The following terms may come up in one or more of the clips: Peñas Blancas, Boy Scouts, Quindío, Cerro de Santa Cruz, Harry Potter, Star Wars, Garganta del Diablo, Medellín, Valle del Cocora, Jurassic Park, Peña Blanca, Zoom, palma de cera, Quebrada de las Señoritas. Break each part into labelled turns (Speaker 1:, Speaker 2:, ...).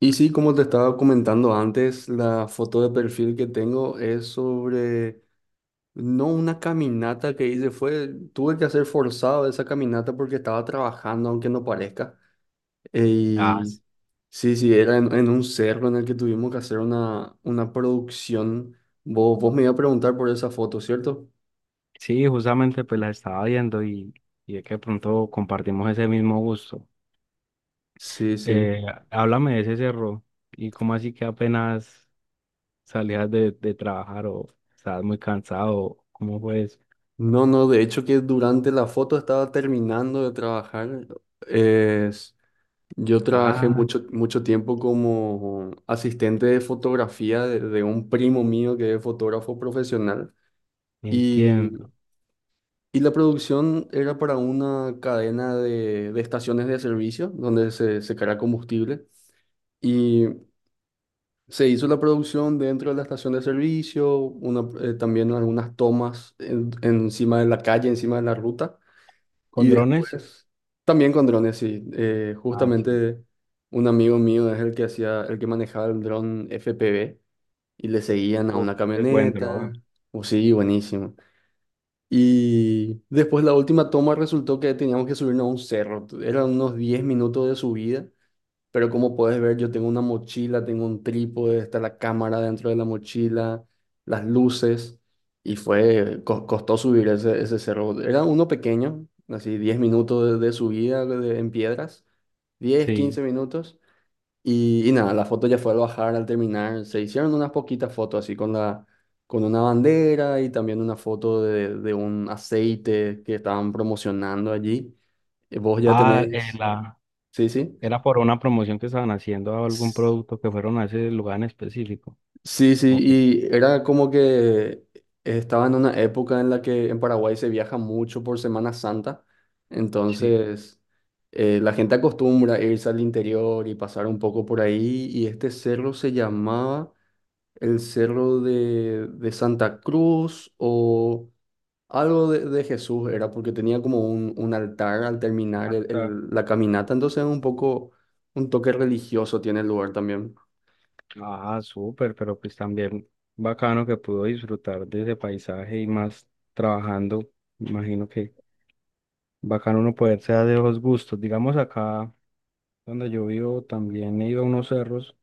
Speaker 1: Y sí, como te estaba comentando antes, la foto de perfil que tengo es sobre, no una caminata que hice, fue, tuve que hacer forzado esa caminata porque estaba trabajando, aunque no parezca.
Speaker 2: Ah,
Speaker 1: Y sí, sí, era en un cerro en el que tuvimos que hacer una producción. Vos me ibas a preguntar por esa foto, ¿cierto?
Speaker 2: sí, justamente pues las estaba viendo y es que de pronto compartimos ese mismo gusto.
Speaker 1: Sí, sí.
Speaker 2: Eh, háblame de ese cerro y cómo así que apenas salías de trabajar o estabas muy cansado, ¿cómo fue eso?
Speaker 1: No, no, de hecho que durante la foto estaba terminando de trabajar. Es Yo trabajé
Speaker 2: Ah,
Speaker 1: mucho, mucho tiempo como asistente de fotografía de un primo mío que es fotógrafo profesional. y,
Speaker 2: entiendo.
Speaker 1: y la producción era para una cadena de estaciones de servicio donde se carga combustible, y se hizo la producción dentro de la estación de servicio, una, también algunas tomas encima de la calle, encima de la ruta.
Speaker 2: ¿Con
Speaker 1: Y
Speaker 2: drones?
Speaker 1: después, también con drones, sí.
Speaker 2: Ah, sí.
Speaker 1: Justamente un amigo mío es el que hacía, el que manejaba el dron FPV y le seguían a
Speaker 2: Uf,
Speaker 1: una
Speaker 2: es buen dron.
Speaker 1: camioneta. O sí, buenísimo. Y después la última toma resultó que teníamos que subirnos a un cerro. Eran unos 10 minutos de subida, pero como puedes ver, yo tengo una mochila, tengo un trípode, está la cámara dentro de la mochila, las luces, y fue, costó subir ese cerro. Era uno pequeño, así 10 minutos de subida en piedras, diez
Speaker 2: Sí.
Speaker 1: 15 minutos, y nada, la foto ya fue al bajar, al terminar, se hicieron unas poquitas fotos así con con una bandera, y también una foto de un aceite que estaban promocionando allí. Vos ya
Speaker 2: Ah,
Speaker 1: tenés, sí,
Speaker 2: era por una promoción que estaban haciendo a algún
Speaker 1: sí.
Speaker 2: producto que fueron a ese lugar en específico.
Speaker 1: Sí, sí,
Speaker 2: Ok,
Speaker 1: y era como que estaba en una época en la que en Paraguay se viaja mucho por Semana Santa,
Speaker 2: sí.
Speaker 1: entonces la gente acostumbra a irse al interior y pasar un poco por ahí, y este cerro se llamaba el Cerro de Santa Cruz o algo de Jesús, era porque tenía como un altar al terminar la caminata, entonces un poco, un toque religioso tiene el lugar también.
Speaker 2: Ah, súper, pero pues también bacano que pudo disfrutar de ese paisaje y más trabajando. Imagino que bacano uno poderse dar de los gustos. Digamos acá donde yo vivo también he ido a unos cerros,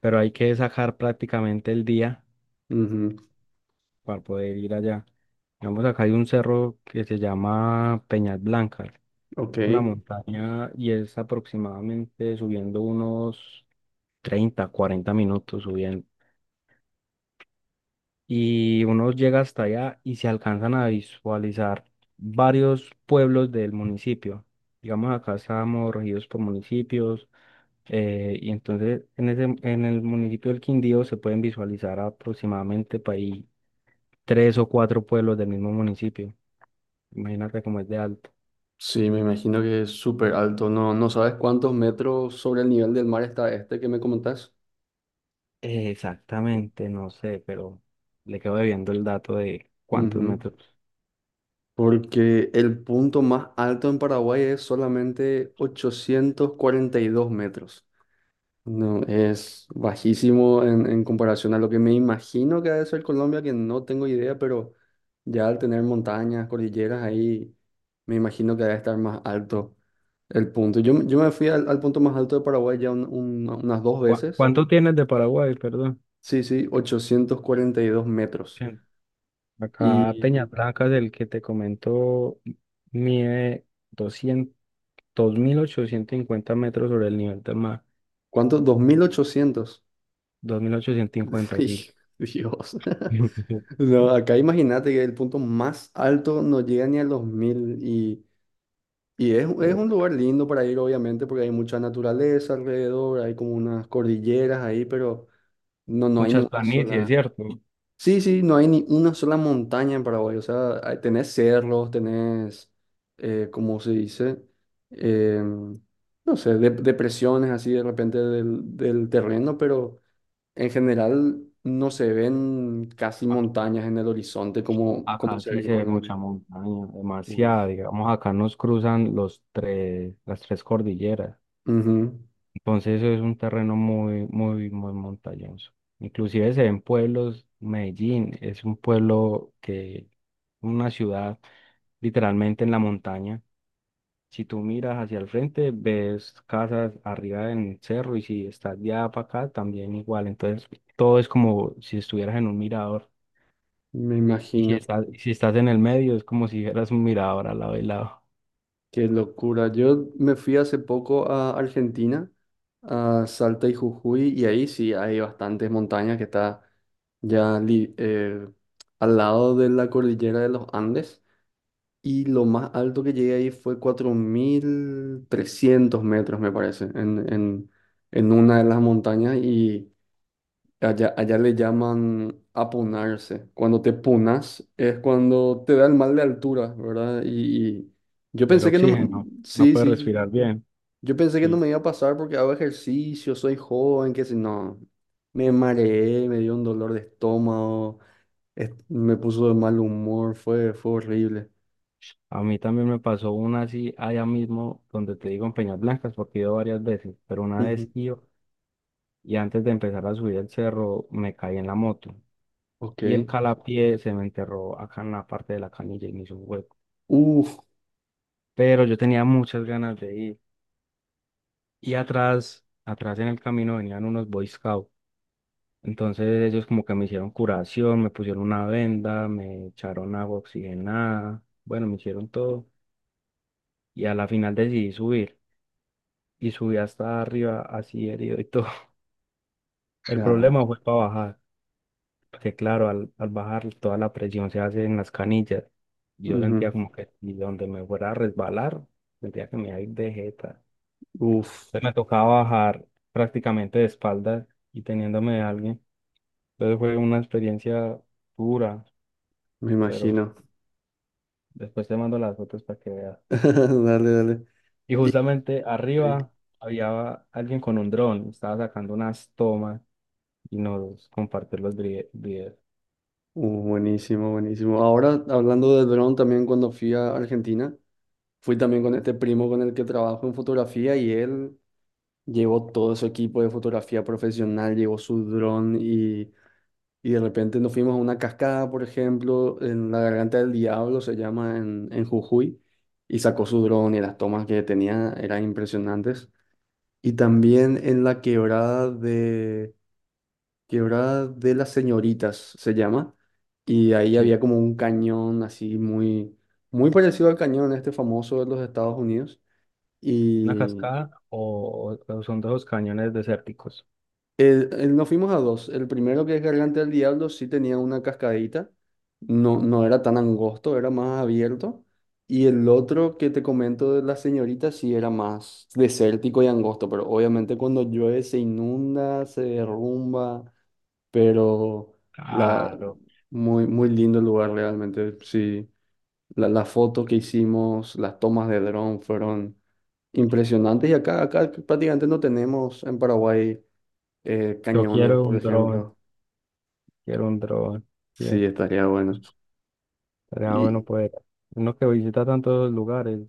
Speaker 2: pero hay que sacar prácticamente el día
Speaker 1: Ujú.
Speaker 2: para poder ir allá. Digamos acá hay un cerro que se llama Peñas Blancas.
Speaker 1: Ok.
Speaker 2: Es una montaña y es aproximadamente subiendo unos 30 40 minutos subiendo. Y uno llega hasta allá y se alcanzan a visualizar varios pueblos del municipio. Digamos, acá estamos regidos por municipios y entonces en ese, en el municipio del Quindío se pueden visualizar aproximadamente para ahí tres o cuatro pueblos del mismo municipio. Imagínate cómo es de alto.
Speaker 1: Sí, me imagino que es súper alto. No, no sabes cuántos metros sobre el nivel del mar está este que me comentás.
Speaker 2: Exactamente, no sé, pero le quedo debiendo el dato de cuántos
Speaker 1: Ujú.
Speaker 2: metros.
Speaker 1: Porque el punto más alto en Paraguay es solamente 842 metros. No, es bajísimo en, comparación a lo que me imagino que ha de ser Colombia, que no tengo idea, pero ya al tener montañas, cordilleras ahí, me imagino que debe estar más alto el punto. Yo me fui al punto más alto de Paraguay ya unas dos veces.
Speaker 2: ¿Cuánto tienes de Paraguay, perdón?
Speaker 1: Sí, sí, 842 metros.
Speaker 2: Acá Peña
Speaker 1: ¿Y
Speaker 2: Blancas, el que te comento, mide 200, 2.850 metros sobre el nivel del mar.
Speaker 1: cuánto? 2800.
Speaker 2: 2.850,
Speaker 1: Dij-
Speaker 2: sí.
Speaker 1: Dios. No, acá imagínate que el punto más alto no llega ni a los 1.000 y es un lugar lindo para ir, obviamente, porque hay mucha naturaleza alrededor, hay como unas cordilleras ahí, pero no, no hay ni
Speaker 2: Muchas
Speaker 1: una
Speaker 2: planicies,
Speaker 1: sola.
Speaker 2: ¿cierto?
Speaker 1: Sí, sí, no hay ni una sola montaña en Paraguay. O sea, tenés cerros, tenés, ¿cómo se dice? Em, no sé, depresiones así de repente del terreno, pero en general no se ven casi
Speaker 2: A-
Speaker 1: montañas en el horizonte como
Speaker 2: Acá
Speaker 1: se ve
Speaker 2: sí
Speaker 1: en
Speaker 2: se ve
Speaker 1: Colombia.
Speaker 2: mucha montaña, demasiada,
Speaker 1: Uf.
Speaker 2: digamos, acá nos cruzan los tres, las tres cordilleras.
Speaker 1: Ujú,
Speaker 2: Entonces eso es un terreno muy, muy, muy montañoso. Inclusive se ven pueblos, Medellín es un pueblo que, una ciudad literalmente en la montaña. Si tú miras hacia el frente, ves casas arriba en el cerro y si estás de allá para acá, también igual. Entonces todo es como si estuvieras en un mirador.
Speaker 1: me imagino.
Speaker 2: Y si estás en el medio, es como si fueras un mirador al lado y lado
Speaker 1: Qué locura. Yo me fui hace poco a Argentina, a Salta y Jujuy, y ahí sí hay bastantes montañas que está ya al lado de la cordillera de los Andes. Y lo más alto que llegué ahí fue 4.300 metros, me parece, en, en una de las montañas. Y allá le llaman apunarse. Cuando te punas es cuando te da el mal de altura, ¿verdad? Y yo
Speaker 2: del
Speaker 1: pensé que no.
Speaker 2: oxígeno. No
Speaker 1: Sí,
Speaker 2: puedes
Speaker 1: sí.
Speaker 2: respirar bien.
Speaker 1: Yo pensé que no
Speaker 2: Sí.
Speaker 1: me iba a pasar porque hago ejercicio, soy joven, que si no. Me mareé, me dio un dolor de estómago, me puso de mal humor, fue horrible.
Speaker 2: A mí también me pasó una así allá mismo donde te digo en Peñas Blancas, porque he ido varias veces, pero una vez
Speaker 1: Ujú.
Speaker 2: iba y antes de empezar a subir el cerro me caí en la moto
Speaker 1: Ok.
Speaker 2: y el calapié se me enterró acá en la parte de la canilla y me hizo un hueco.
Speaker 1: Uf.
Speaker 2: Pero yo tenía muchas ganas de ir y atrás, atrás en el camino venían unos Boy Scouts. Entonces ellos como que me hicieron curación, me pusieron una venda, me echaron agua oxigenada, bueno, me hicieron todo y a la final decidí subir y subí hasta arriba así herido y todo. El
Speaker 1: Ja,
Speaker 2: problema fue para bajar, porque claro, al bajar toda la presión se hace en las canillas. Yo sentía
Speaker 1: ujú,
Speaker 2: como que y donde me fuera a resbalar, sentía que me iba a ir de jeta.
Speaker 1: uf.
Speaker 2: Entonces me tocaba bajar prácticamente de espaldas y teniéndome de alguien. Entonces fue una experiencia dura,
Speaker 1: Me
Speaker 2: pero
Speaker 1: imagino.
Speaker 2: después te mando las fotos para que veas.
Speaker 1: Dale, dale.
Speaker 2: Y
Speaker 1: Y-
Speaker 2: justamente
Speaker 1: sí.
Speaker 2: arriba había alguien con un dron, estaba sacando unas tomas y nos compartió los videos.
Speaker 1: Buenísimo, buenísimo. Ahora, hablando de dron, también cuando fui a Argentina, fui también con este primo con el que trabajo en fotografía y él llevó todo su equipo de fotografía profesional, llevó su dron y de repente nos fuimos a una cascada, por ejemplo, en la Garganta del Diablo, se llama en, Jujuy, y sacó su dron y las tomas que tenía eran impresionantes. Y también en la quebrada de... Quebrada de las Señoritas se llama. Y ahí había como un cañón así muy, muy parecido al cañón este famoso de los Estados Unidos.
Speaker 2: ¿Una
Speaker 1: Y
Speaker 2: cascada o son de esos cañones desérticos?
Speaker 1: nos fuimos a dos. El primero que es Garganta del Diablo sí tenía una cascadita. No, no era tan angosto, era más abierto. Y el otro que te comento de las señoritas sí era más desértico y angosto, pero obviamente cuando llueve se inunda, se derrumba. Pero la,
Speaker 2: Claro.
Speaker 1: muy, muy lindo el lugar realmente. Sí, la foto que hicimos, las tomas de dron fueron impresionantes, y acá prácticamente no tenemos en Paraguay
Speaker 2: Yo
Speaker 1: cañones,
Speaker 2: quiero
Speaker 1: por
Speaker 2: un dron,
Speaker 1: ejemplo.
Speaker 2: quiero un dron. Sí,
Speaker 1: Sí, estaría bueno.
Speaker 2: estaría bueno
Speaker 1: Y
Speaker 2: poder. Uno que visita tantos lugares,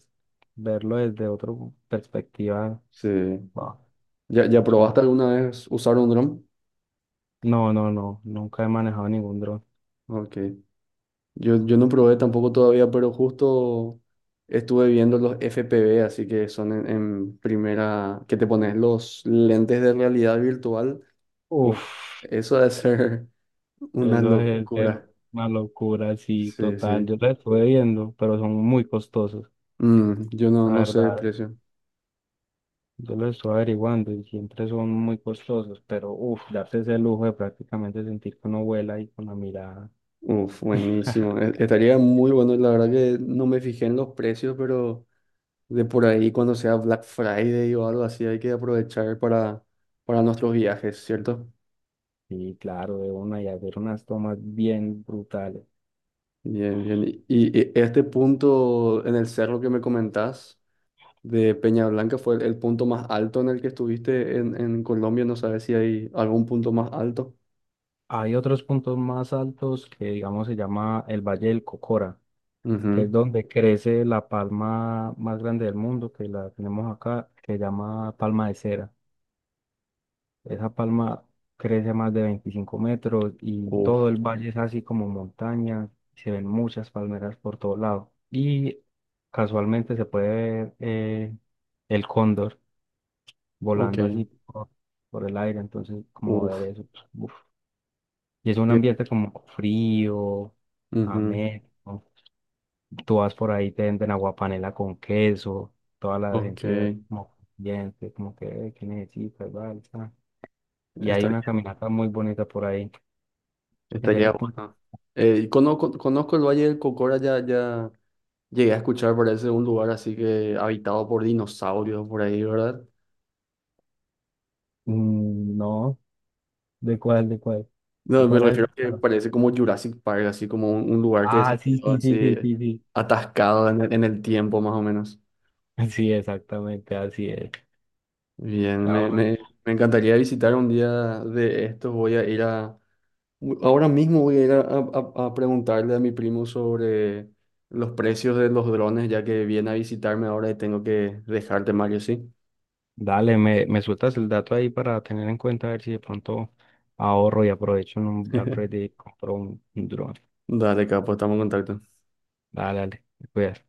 Speaker 2: verlo desde otra perspectiva.
Speaker 1: sí.
Speaker 2: Wow,
Speaker 1: ¿Ya
Speaker 2: mucho más.
Speaker 1: probaste alguna vez usar un dron?
Speaker 2: No, no, no, nunca he manejado ningún dron.
Speaker 1: Ok. Yo no probé tampoco todavía, pero justo estuve viendo los FPV, así que son en, primera, que te pones los lentes de realidad virtual. Uf,
Speaker 2: Uf,
Speaker 1: eso debe ser una
Speaker 2: eso es ser
Speaker 1: locura.
Speaker 2: una locura, sí,
Speaker 1: Sí,
Speaker 2: total.
Speaker 1: sí.
Speaker 2: Yo lo estuve viendo, pero son muy costosos,
Speaker 1: Yo no,
Speaker 2: la
Speaker 1: no sé de
Speaker 2: verdad.
Speaker 1: precio.
Speaker 2: Yo lo estoy averiguando y siempre son muy costosos, pero uff, darse ese lujo de prácticamente sentir que uno vuela y con la mirada,
Speaker 1: Uf, buenísimo. Estaría muy bueno. La verdad que no me fijé en los precios, pero de por ahí cuando sea Black Friday o algo así, hay que aprovechar para, nuestros viajes, ¿cierto?
Speaker 2: y claro, de una y hacer unas tomas bien brutales.
Speaker 1: Bien, bien. Y este punto en el cerro que me comentás de Peña Blanca fue el punto más alto en el que estuviste en, Colombia. No sabes si hay algún punto más alto.
Speaker 2: Hay otros puntos más altos que, digamos, se llama el Valle del Cocora, que es
Speaker 1: Ujú.
Speaker 2: donde crece la palma más grande del mundo, que la tenemos acá, que se llama palma de cera. Esa palma crece más de 25 metros y todo el valle es así como montaña. Se ven muchas palmeras por todo lado. Y casualmente se puede ver el cóndor
Speaker 1: Ok,
Speaker 2: volando así por el aire. Entonces, como ver
Speaker 1: uf,
Speaker 2: eso, pues, uf. Y es un
Speaker 1: que-
Speaker 2: ambiente como frío,
Speaker 1: ujú,
Speaker 2: ameno. Tú vas por ahí, te venden aguapanela con queso. Toda la
Speaker 1: ok,
Speaker 2: gente como, bien, como que, ¿qué necesitas? Vale, está". Y hay una
Speaker 1: estaría,
Speaker 2: caminata muy bonita por ahí. Ese es
Speaker 1: estaría
Speaker 2: el punto.
Speaker 1: bueno. Conozco el Valle del Cocora, ya llegué a escuchar, parece un lugar así que habitado por dinosaurios por ahí, ¿verdad?
Speaker 2: Mm, no, ¿de cuál, de cuál? ¿De
Speaker 1: No, me
Speaker 2: cuál has
Speaker 1: refiero a que
Speaker 2: escuchado?
Speaker 1: parece como Jurassic Park, así como un lugar que
Speaker 2: Ah,
Speaker 1: se
Speaker 2: sí,
Speaker 1: quedó
Speaker 2: sí, sí,
Speaker 1: así
Speaker 2: sí, sí, sí.
Speaker 1: atascado en el tiempo más o menos.
Speaker 2: Sí, exactamente, así es.
Speaker 1: Bien, me,
Speaker 2: Ahora,
Speaker 1: me, me encantaría visitar un día de estos, voy a ir a, ahora mismo voy a ir a preguntarle a mi primo sobre los precios de los drones, ya que viene a visitarme ahora y tengo que dejarte, Mario, ¿sí?
Speaker 2: dale, me sueltas el dato ahí para tener en cuenta a ver si de pronto ahorro y aprovecho en un Black Friday y compro un dron.
Speaker 1: Dale, capo, estamos en contacto.
Speaker 2: Dale, dale, te cuidas.